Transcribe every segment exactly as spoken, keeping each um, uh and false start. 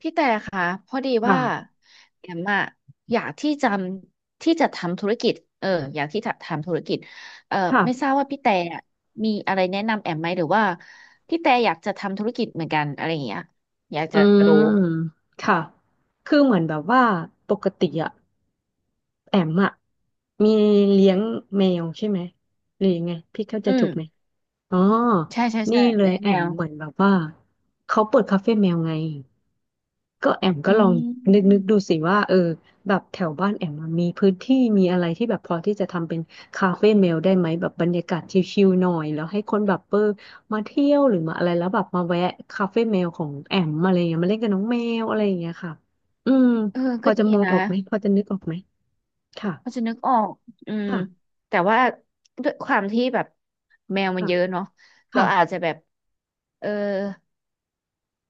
พี่แต่ค่ะพอดีว่าค่ะ แอมอะอยากที่จำที่จะทำธุรกิจเอออยากที่จะทำธุรกิจเออไม่ทค่ะ ราบว่าพี่แต่อะมีอะไรแนะนำแอมไหมหรือว่าพี่แต่อยากจะทำธุรกิจเหมือนกันอะไรอย่างเงี้ยอยากอืจะรู้ม ค่ะ คือเหมือนแบบว่า ปกติอะแอมอะมีเลี้ยงแมวใช่ไหม หรือยังไง พี่เข้าใจอืถูมกไหม อ๋อ ใช่ใช่นี่ใช่เลยแนะแอแนมวเหมือนแบบว่า เขาเปิดคาเฟ่แมวไง ก็แอมก็อืลองนึกนึกมดูสิว่าเออแบบแถวบ้านแอมมันมีพื้นที่มีอะไรที่แบบพอที่จะทำเป็นคาเฟ่เมลได้ไหมแบบบรรยากาศชิลๆหน่อยแล้วให้คนแบบเออมาเที่ยวหรือมาอะไรแล้วแบบมาแวะคาเฟ่เมลของแอมอะไรอย่างเงี้ยมาเล่นกับน้องแมวอะไรอย่างเงี้ยค่ะอืมเออพก็อจะดีมองนะออกไหมพอจะนึกออกไหมพอจะค่ะนึกออกอืมค่ะแต่ว่าด้วยความที่แบบแมวมันค่ะเยอะเนาะเราค่ะอาจจะแบบเออ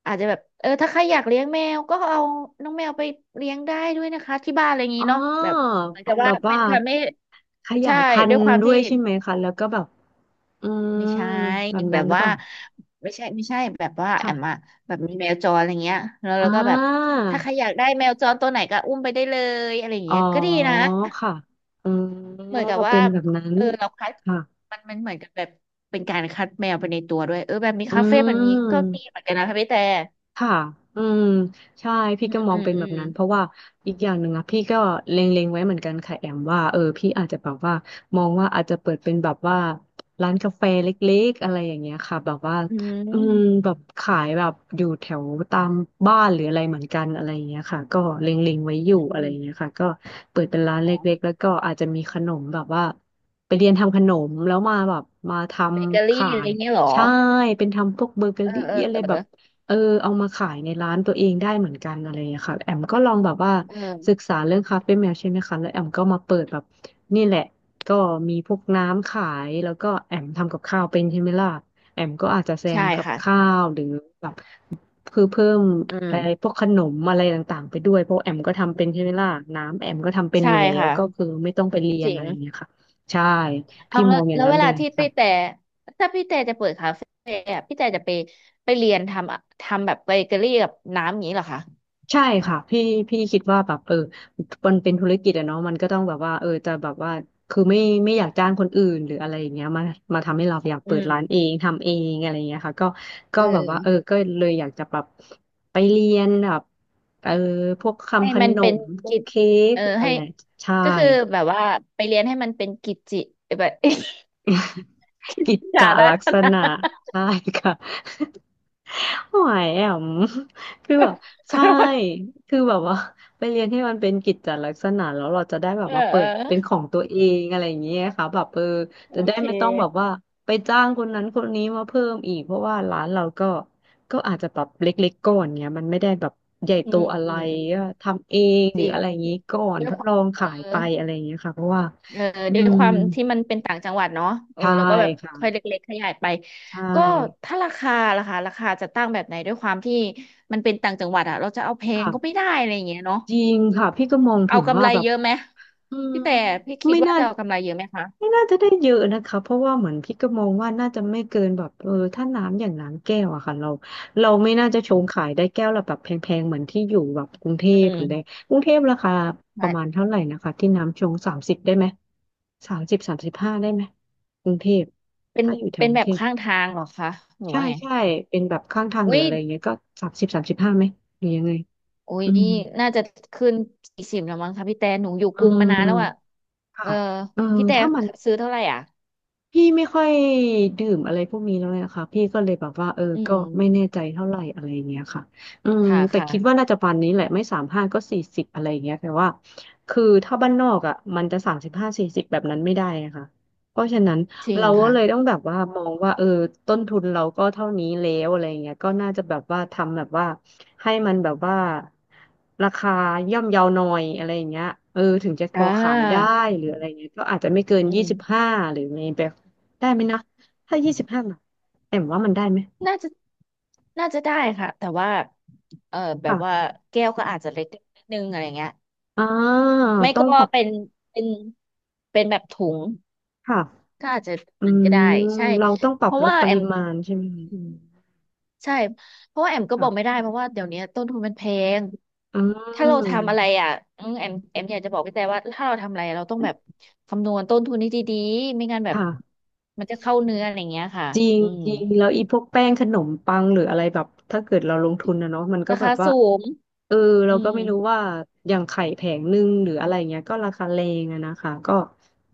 อาจจะแบบเออถ้าใครอยากเลี้ยงแมวก็เอาน้องแมวไปเลี้ยงได้ด้วยนะคะที่บ้านอะไรอย่างอ๋นี้อเนาะแบบเหมือนเอากับแบว่าบเป็ว่านคะไม่ขยาใช่ยพันด้วยธุ์ความด้วที่ยใช่ไหมคะแล้วก็แบบอืมไม่ใช่แบบแบนั้นบหรือว่าเปล่าไม่ใช่ไม่ใช่แบบว่าแอมอะค่ะแบบมีแมวจรอะไรเงี้ยแล้วอ่แล้วก็แบบา ถ้าใครอยากได้แมวจรตัวไหนก็อุ้มไปได้เลยอะไรอย่างอ๋อเงี้ยก็ดีนะค่ะอ๋อเหมือนกับว่าเป็นแบบนั้นเออเราคัดค่ะ มันมันเหมือนกับแบบเป็นการคัดแมวไปในตัวด้วยเออแบบนี้อืคาเฟ่แบบนี้ก็ดีเหม มือนกันนะคะพี่แต่ค่ะอืมใช่พี่อืก็มมออืงมเป็นอืแบบมนั้นเพราะว่าอีกอย่างหนึ่งอะพี่ก็เล็งๆไว้เหมือนกันค่ะแอมว่าเออพี่อาจจะแบบว่ามองว่าอาจจะเปิดเป็นแบบว่าร้านกาแฟเล็กๆอะไรอย่างเงี้ยค่ะแบบว่าอือืมม แบบขายแบบอยู่แถวตามบ้านหรืออะไรเหมือนกันอะไรอย่างเงี้ยค่ะก็เล็งๆไว้ออืยู่อะไรอย่างเงี้ยมค่ะก็เปิดเป็นร้าขนอเลง็กๆแล้วก็อาจจะมีขนมแบบว่าไปเรียนทำขนมแล้วมาแบบมาทเบเกอำรี่ขาอะไรยเงี้ยเหรอใช่เป็นทำพวกเบเกอเออรี่เอออะไรเอแบอบ เออเอามาขายในร้านตัวเองได้เหมือนกันอะไรอย่างเงี้ยค่ะแอมก็ลองแบบว่าเอศึกอษาเรื่องคาเฟ่แมวใช่ไหมคะแล้วแอมก็มาเปิดแบบนี่แหละก็มีพวกน้ำขายแล้วก็แอมทำกับข้าวเป็นใช่ไหมล่ะแอมก็อาจจะแซใช่มกับค่ะข้าวหรือแบบคือเพิ่มอืไอ้พมวกขนมอะไรต่างๆไปด้วยเพราะแอมก็ทำเป็นใช่ไหมล่ะน้ำแอมก็ทำเป็นอใช่ยู่แล้วค่ะก็คือไม่ต้องไปเรียจนริอะงไรอย่างเงี้ยค่ะใช่เอาพี่มแล้วองอย่าแล้งวนั้เวนเลลายที่ค่ะ พี่แต่ถ้าพี่แต่จะเปิดคาเฟ่อะพี่แต่จะไปไปเรียนทำอะทำแบบเบเกอรี่กับน้ำอย่างนี้เหรอคะใช่ค่ะพี่พี่คิดว่าแบบเออมันเป็นธุรกิจอะเนาะมันก็ต้องแบบว่าเออจะแบบว่าคือไม่ไม่อยากจ้างคนอื่นหรืออะไรอย่างเงี้ยมามาทำให้เราอยากอืเปิดร้านเอมงทำเองอะไรอย่างเงี้ยค่ะก็ก็เอแบบว่าเอออก็เลยอยากจะแบบไปเรียนแบบเออพวกให้ทำขมันนเป็นมพวกกิจเค้กเออพวกอะให้ไรใช่ ก็คือแบบว่าไปเรียนให้มันเป็นกิจจิแบบ กิจกิจจจาลักลักษษณะ ณะใช่ค่ะหอยแอม คือแบบ ขอใช่โทษคือแบบว่าไปเรียนให้มันเป็นกิจจลักษณะแล้วเราจะได้แบบเออมาเปิเอดเป็นขอองตัวเองอะไรอย่างเงี้ยค่ะแบบเออโอจะได้เคไม่ต้องแบบว่าไปจ้างคนนั้นคนนี้มาเพิ่มอีกเพราะว่าร้านเราก็ก็อาจจะแบบเล็กๆก่อนเนี้ยมันไม่ได้แบบใหญ่อืโตมอะไรอืมอืม ก็ทำเองจหรือริงอะไรอย่างงี้ก่อนด้วทยดควาลมองเอขายไปออะไรอย่างเงี้ยค่ะเพราะว่าเอออืด้วยมความที่มันเป็นต่างจังหวัดเนาะเออใช่แล้วก็แบบค่อยค่ะเล็กๆขยายไปใช่ ก็ถ้าราคาราคาราคาจะตั้งแบบไหนด้วยความที่มันเป็นต่างจังหวัดอะเราจะเอาแพงก็ไม่ค่ะได้อะไรอย่างเงี้ยเนาะจริงค่ะพี่ก็มองเอาถึงกำว่าไรแบบเยอะไหมอืมพี่แต่พี่คิดไม่ว่าน่าจะเอากำไรเยอะไหมคะไม่น่าจะได้เยอะนะคะเพราะว่าเหมือนพี่ก็มองว่าน่าจะไม่เกินแบบเออถ้าน้ำอย่างน้ำแก้วอะค่ะเราเราไม่น่าจะชงขายได้แก้วละแบบแพงๆเหมือนที่อยู่แบบกรุงเทพอืหมรืออะไรกรุงเทพราคาประมาณใช่เท่าไหร่นะคะที่น้ำชงสามสิบได้ไหมสามสิบสามสิบห้าได้ไหมกรุงเทพเป็นถ้าอยู่แถวเป็นกรุแบงบเทข้างพทางเหรอคะหรือใช่ว่าไงใช่เป็นแบบข้างทางหรือุ้อยอะไรอย่างเงี้ยก็สามสิบสามสิบห้าไหมหรือยังไงอุ้ยอืมน่าจะขึ้นสี่สิบแล้วมั้งคะพี่แต่หนูอยู่กอ่า รุงมานานแล้วอะเอค่ะอเออพี่แต่ถ้ามัน ซื้อเท่าไหร่อ่ะพี่ไม่ค่อยดื่มอะไรพวกนี้แล้วเนะคะพี่ก็เลยแบบว่าเอออืก็ไม่แน่ม ใจเท่าไหร่อะไรอย่างเงี้ยค่ะอืมค่ะแต่ค่ะคิดว่าน่าจะประมาณนี้แหละไม่สามห้าก็สี่สิบอะไรอย่างเงี้ยแต่ว่าคือถ้าบ้านนอกอ่ะมันจะสามสิบห้าสี่สิบแบบนั้นไม่ได้นะคะเพราะฉะนั้นจริงเราก็ค่ะเลยต้องแบบว่ามองว่าเออต้นทุนเราก็เท่านี้แล้วอะไรอย่างเงี้ยก็น่าจะแบบว่าทำแบบว่าให้มันแบบว่าราคาย่อมเยาวหน่อยอะไรอย่างเงี้ยเออถึงจะพอ่อขายได้าหรืออะไรเงี้ยก็อาจจะไม่เกินอืยี่สิบมห้าหรือใน ได้ไหมนะถ้ายี่สิบห้าบาทแอมว่ามันได้ไหมน่าจะน่าจะได้ค่ะแต่ว่าเออแบบว่าค่ะแก้วก็อาจจะเล็กนิดนึงอะไรเงี้ยอ่าไม่ต้อก็งปรับเป็นเป็นเป็นแบบถุงค่ะก็อาจจะอืมันก็ได้มใช่เราต้องปรัเพบราะลดว่าปแอริมมาณใช่ไหมอืมใช่เพราะว่าแอมก็บค่ะอกไม่ได้เพราะว่าเดี๋ยวนี้ต้นทุนมันแพงอืถ้าเราทำอะไรมอ่ะอืมแอมแอมอยากจะบอกพี่แต่ว่าถ้าเราทำอะไรเราต้องแบบคำนวณต้นทุนให้ดีๆไม่งั้นแบบค่ะ มันจะเข้าเนื้ออะไรเงี้ยค่ะจริงอืม จริงแล้วอีพวกแป้งขนมปังหรืออะไรแบบถ้าเกิดเราลงทุนนะเนาะมันก็ราแบคาบว่าสูงเอออืเราก็มไม่รู้ว่าอย่างไข่แผงหนึ่งหรืออะไรเงี้ยก็ราคาแรงอะนะคะก็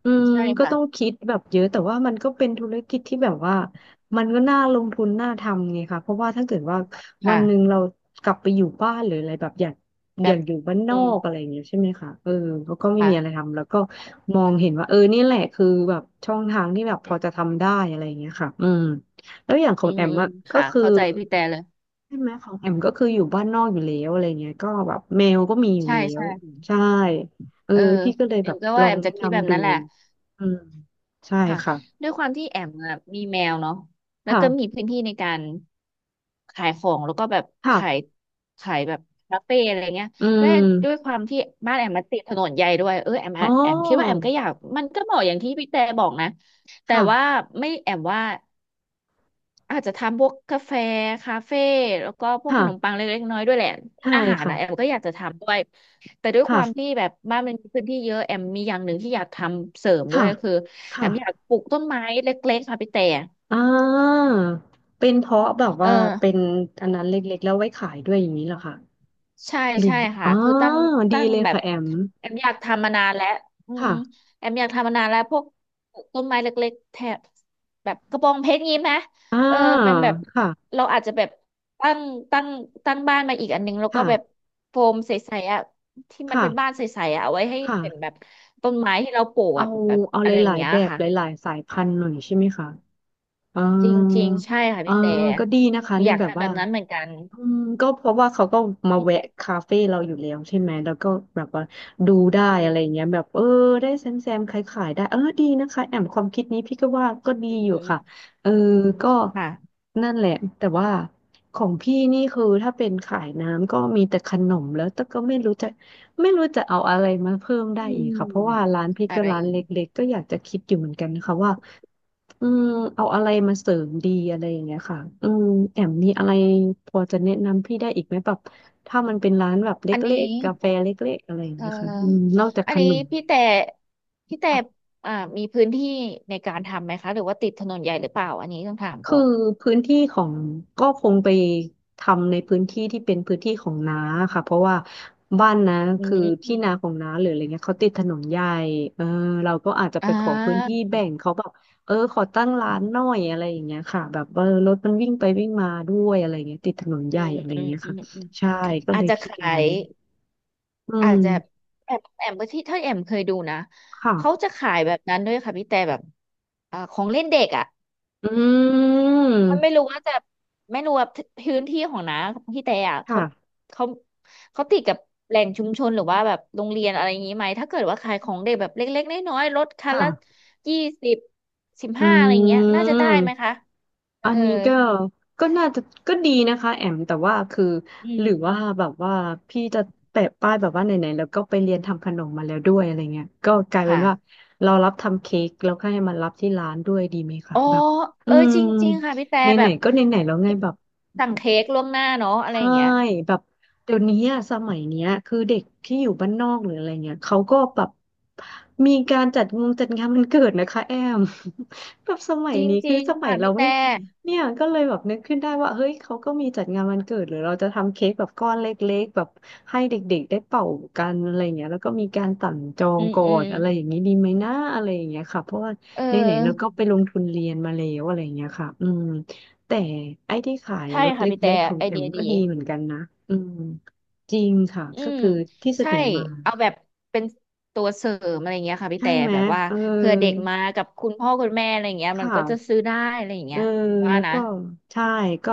อืมใช่ก็ต้องค่ะคิดแบบเยอะแต่ว่ามันก็เป็นธุรกิจที่แบบว่ามันก็น่าลงทุนน่าทำไงคะเพราะว่าถ้าเกิดว่า วันหนึ่งค่ะเรากลับไปอยู่บ้านหรืออะไรแบบอยากแบอยาบกอยู่บ้านนอือมกอะไรอย่างเงี้ยใช่ไหมคะเออแล้วก็ไม่มีอะไรค่ะทำแล้วก็มองเห็นว่าเออนี่แหละคือแบบช่องทางที่แบบพอจะทำได้อะไรอย่างเงี้ยค่ะอืมแล้วอย่างขออืงมแอมอืมอะก็ค่ะคือเข้าใจพี่แต่เลยใช่ไหมของแอมก็คืออยู่บ้านนอกอยู่แล้วอะไรเงี้ยก็แบบแมวก็มีอยู่ใช่แล้วใช่ใช่เออเออพี่ก็เลยแอแบมบก็ลว่าอแองมแนะจะคิดแบบนำดูนั้นแหละอืมใช่ค่ะค่ะด้วยความที่แอมอะมีแมวเนาะแล้วก็มีค่ะพื้นที่ในการขายของแล้วก็แบบค่ะขายขายแบบคาเฟ่อะไรเงี้ยอืและด้วยมความที่บ้านแอมมันติดถนนใหญ่ด้วยเออแอมอ๋อาอแอมคิดว่าแอมก็อยากมันก็เหมาะอย่างที่พี่แต่บอกนะแต่ว่าค่ะไม่แอมว่า อาจจะทำพวกกาแฟคาเฟ่แล้วก็พวกขนมปัค่ะงเล็กๆน้อยๆด้วยแหละใช่อาหารค่ะนะแอมก็อยากจะทำด้วยแต่ด้วยความค่ะ ที่แบบบ้านมันมีพื้นที่เยอะแอมมีอย่างหนึ่งที่อยากทำเสริมด้วค่ะยก็คือแอค่ะมอยากปลูกต้นไม้เล็กๆค่ะพี่แต่อ่าเป็นเพราะแบบเออ ว่าเป็นอันนั้นเล็กๆแล้วไว้ขายด้วยอย่างนี้เหรอคะใช่หรืใช่อค่ะอ่าคือตั้งตั้ดีงเลยแบบค่ะแอม แอมอยากทำมานานแล้วอืมค่ะแอมอยากทำมานานแล้วพวกต้นไม้เล็กๆแถบแบบกระบองเพชรงี้ไหมอ่าเออเป็นแบบค่ะเราอาจจะแบบตั้งตั้งตั้งบ้านมาอีกอันนึงแล้วก็แบบค่ะโฟมใสๆอ่ะที่มันเป็นบ้านค่ะใสๆอ่ะเอาไว้ให้เป็นแบค่ะบต้นไม้ที่เราปลูกเอาอะแบบแบบเอาอะหไรอย่าลางยเงี้ๆยแบบค่ะหลายๆสายพันธุ์หน่อยใช่ไหมคะอ่าจริงๆใช่ค่ะเออพี่แต่ก็ดีนะคะอเนี่ยยากแบบทำแบว่า บนั้นเหมือนกันอืมก็เพราะว่าเขาก็มาอืแวะมคาเฟ่เราอยู่แล้วใช่ไหมแล้วก็แบบว่าดูได้อือะไรมเงี้ยแบบเออได้แซมแซมขายขายได้เออดีนะคะแอมความคิดนี้พี่ก็ว่าก็ดีอือยู่มค่ะเออก็ค่ะ นั่นแหละแต่ว่าของพี่นี่คือถ้าเป็นขายน้ำก็มีแต่ขนมแล้วแต่ก็ไม่รู้จะไม่รู้จะเอาอะไรมาเพิ่มได้อือีกมค่ะเพราะว่าร้านพี่อะก็ไรร้านอีเลก็กๆก็อยากจะคิดอยู่เหมือนกันนะคะว่า อืมเอาอะไรมาเสริมดีอะไรอย่างเงี้ยค่ะอืมแอมมีอะไรพอจะแนะนำพี่ได้อีกไหมแบบถ้ามันเป็นร้านแบบเลอัน็นี้กๆกาแฟเล็กๆอะไรอย่างเอ่เงี้ยค่ะอืมอนอกจากอัขนนี้นม พี่แต่พี่แต่อ่ามีพื้นที่ในการทำไหมคะหรือว่าติดถนนใหญ่หรือเปล่าอันนี้ต้องถามก่คืออนพื้นที่ของก็คงไปทำในพื้นที่ที่เป็นพื้นที่ของน้าค่ะเพราะว่าบ้านนะอืคือที่นามของน้าหรืออะไรเงี้ยเขาติดถนนใหญ่เออเราก็อาจจะอ่ไปขอพื้นาที่แบ่งเขาแบบเออขอตั้งร้านหน่อยอะไรอย่างเงี้ยค่ะแบบเออรถมันวิ่งไปวิ่งมาด้วยอะไรเงี้ยติดถนนใหอืญ่มอะไรอืมเงี้ยอืค่ะมอืมใช่ก็อาเลจยจะคิดขาอย่างนั้ยนอือาจมจะแอมแอมที่ถ้าแอมเคยดูนะเขาค่ะจะขายแบบนั้นด้วยค่ะพี่แต่แบบอ่าของเล่นเด็กอ่ะ อืมันไม่มรู้ว่าจะไม่รู้ว่าพื้นที่ของน้าของพี่แต่อ่ะเขาค่ะเขาเขาติดกับแหล่งชุมชนหรือว่าแบบโรงเรียนอะไรอย่างนี้ไหมถ้าเกิดว่าขายของเด็กแบบเล็กๆน้อยๆลดคันละค่ะยี่สิบสิบอืห้าอะไรอย่างเงี้ยน่าจะได้ไหมคะม เออัอนนี้ก็ก็น่าจะก็ดีนะคะแอมแต่ว่าคืออืหรือว่ามแบบว่าพี่จะแปะป้ายแบบว่าไหนๆแล้วก็ไปเรียนทำขนมมาแล้วด้วยอะไรเงี้ยก็กลายเป็นค่ะว่าเรารับทำเค้กแล้วก็ให้มันรับที่ร้านด้วยดีไหมคะอ๋อแบบอืเออมจริงๆค่ะพี่แต่แบไหนบๆก็ไหนๆแล้วไงแบบ สั่งเค้กล่วงหน้าเนาะอะไรอใช่ย่างเงี้ยแบบเดี๋ยวนี้อะสมัยเนี้ยคือเด็กที่อยู่บ้านนอกหรืออะไรเงี้ยเขาก็แบบมีการจัดงงจัดงานวันเกิดนะคะแอม แบบสมัยจนี้คือริงสๆมัยค่ะเราพี่ไม่แต่มีเนี่ยก็เลยแบบนึกขึ้นได้ว่าเฮ้ยเขาก็มีจัดงานวันเกิดหรือเราจะทำเค้กแบบก้อนเล็กๆแบบให้เด็กๆได้เป่ากันอะไรเงี้ยแล้วก็มีการสั่งจองอืมก่ออืมนอะไรอย่างนี้ดีไหมนะอะไรอย่างเงี้ยค่ะเพราะว่าเอไหนๆเราก็อไปลงทุนเรียนมาแล้วอะไรอย่างเงี้ยค่ะอืม แต่ไอ้ที่ขายใช่รถค่ะเลพี่แต่็กๆของไอแอเดีมยก็ดี ดีเหมือนกันนะอืมจริงค่ะอืก็มคือที่เสใช่นอมาเอาแบบเป็นตัวเสริมอะไรเงี้ยค่ะพี่ใช่แต่ไหมแบบว่าเอเผื่อเด็กอมากับคุณพ่อคุณแม่อะไรเงี้ยคมันก็จะ่ะซื้อได้อะไรอย่างเอเงี้อยว่าแล้วนะก็ใช่ก็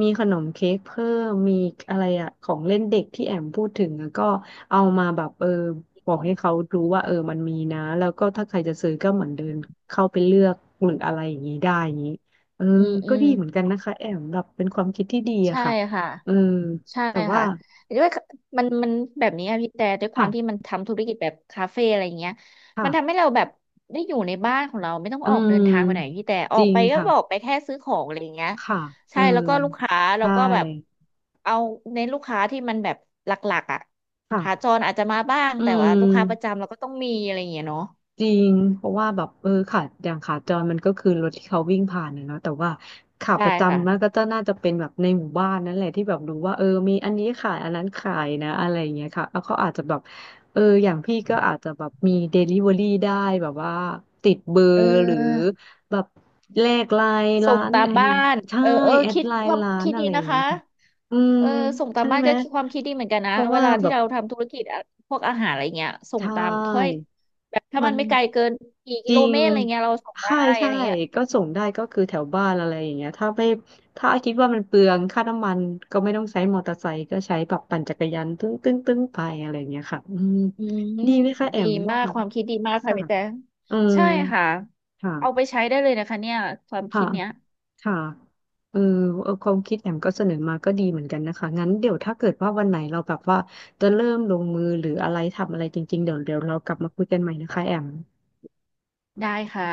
มีขนมเค้กเพิ่มมีอะไรอะของเล่นเด็กที่แอมพูดถึงอะก็เอามาแบบเออบออืกมให้เขารู้ว่าเออมันมีนะแล้วก็ถ้าใครจะซื้อก็เหมือนเดินเข้าไปเลือกหรืออะไรอย่างนี้ได้อย่างนี้เอออืมอืก็มดีเหมือนกันนะคะแอมแบบเป็นความคิดที่ดีอะใช่ค่ะค่ะ เออใช่แต่ว่า ค่ะด้วยมันมันแบบนี้อะพี่แต่ด้วยควาค่ะมที่มันทำธุรกิจแบบคาเฟ่อะไรอย่างเงี้ยมันทำให้ค่ะเราแบบได้อยู่ในบ้านของเราไม่ต้องอืออกเดินทางไปไหนมพี่แต่อจอกริไปงก็ออกค่ะไปแค่ซื้อของอะไรอย่างเงี้ยค่ะเอใช่อแล้วก็ลูกค้าเราใช่ก็แบบเอาเน้นลูกค้าที่มันแบบหลักๆอ่ะขาจค่ะรอาจจะมาบ้างอืแต่ว่าม ลูกค้าประจำเราก็ต้องมีอะไรอย่างเงี้ยเนาะจริงเพราะว่าแบบเออขาอย่างขาจรมันก็คือรถที่เขาวิ่งผ่านนะเนาะแต่ว่าขาปใช่ระค่ะจำมันก็จะน่าจะเป็นแบบในหมู่บ้านนั่นแหละที่แบบรู้ว่าเออมีอันนี้ขายอันนั้นขายนะอะไรอย่างเงี้ยค่ะแล้วเขาอาจจะแบบเอออย่างพี่ก็อาจจะแบบมีเดลิเวอรี่ได้แบบว่าติดเบอเร์หรือออแบบแลกไลน์ส่ร้างนตามเออบ้านใช่เออเออแอดคิดไลคน์วามร้านคิดอะดีไรอนะย่างเงี้คะ ยค่ะอืมเออส่งตามใช่บ้านไหมก็คิดความคิดดีเหมือนกันนะเพราะเวว่าลาแบที่บเราทำธุรกิจอะพวกอาหารอะไรเงี้ยส่งใช่ ตามถ้วยแบบถ้ามัมันนไม่ไกลเกินกี่จกิโลริงเมตรอะไรเงี้ยเราส่งได้ใช่อะใช่ไรเงี้ยก็ส่งได้ก็คือแถวบ้านอะไรอย่างเงี้ยถ้าไม่ถ้าคิดว่ามันเปลืองค่าน้ำมันก็ไม่ต้องใช้มอเตอร์ไซค์ก็ใช้แบบปั่นจักรยานตึ้งตึ้งตึ้งไปอะไรอย่างเงี้ยค่ะอืมอืมดีไหมคะแอดีมว่ามากความคิดดีมากค่ะค่ะพี่แต่อืมใช่ค่ะค่ะเอาไปใช้ได้เลยนะคะเนี่ยความค่ะคิดเนี้ยค่ะเออเออความคิดแอมก็เสนอมาก็ดีเหมือนกันนะคะงั้นเดี๋ยวถ้าเกิดว่าวันไหนเราแบบว่าจะเริ่มลงมือหรืออะไรทำอะไรจริงๆเดี๋ยวเดี๋ยวเรากลับมาคุยกันใหม่นะคะแอมได้ค่ะ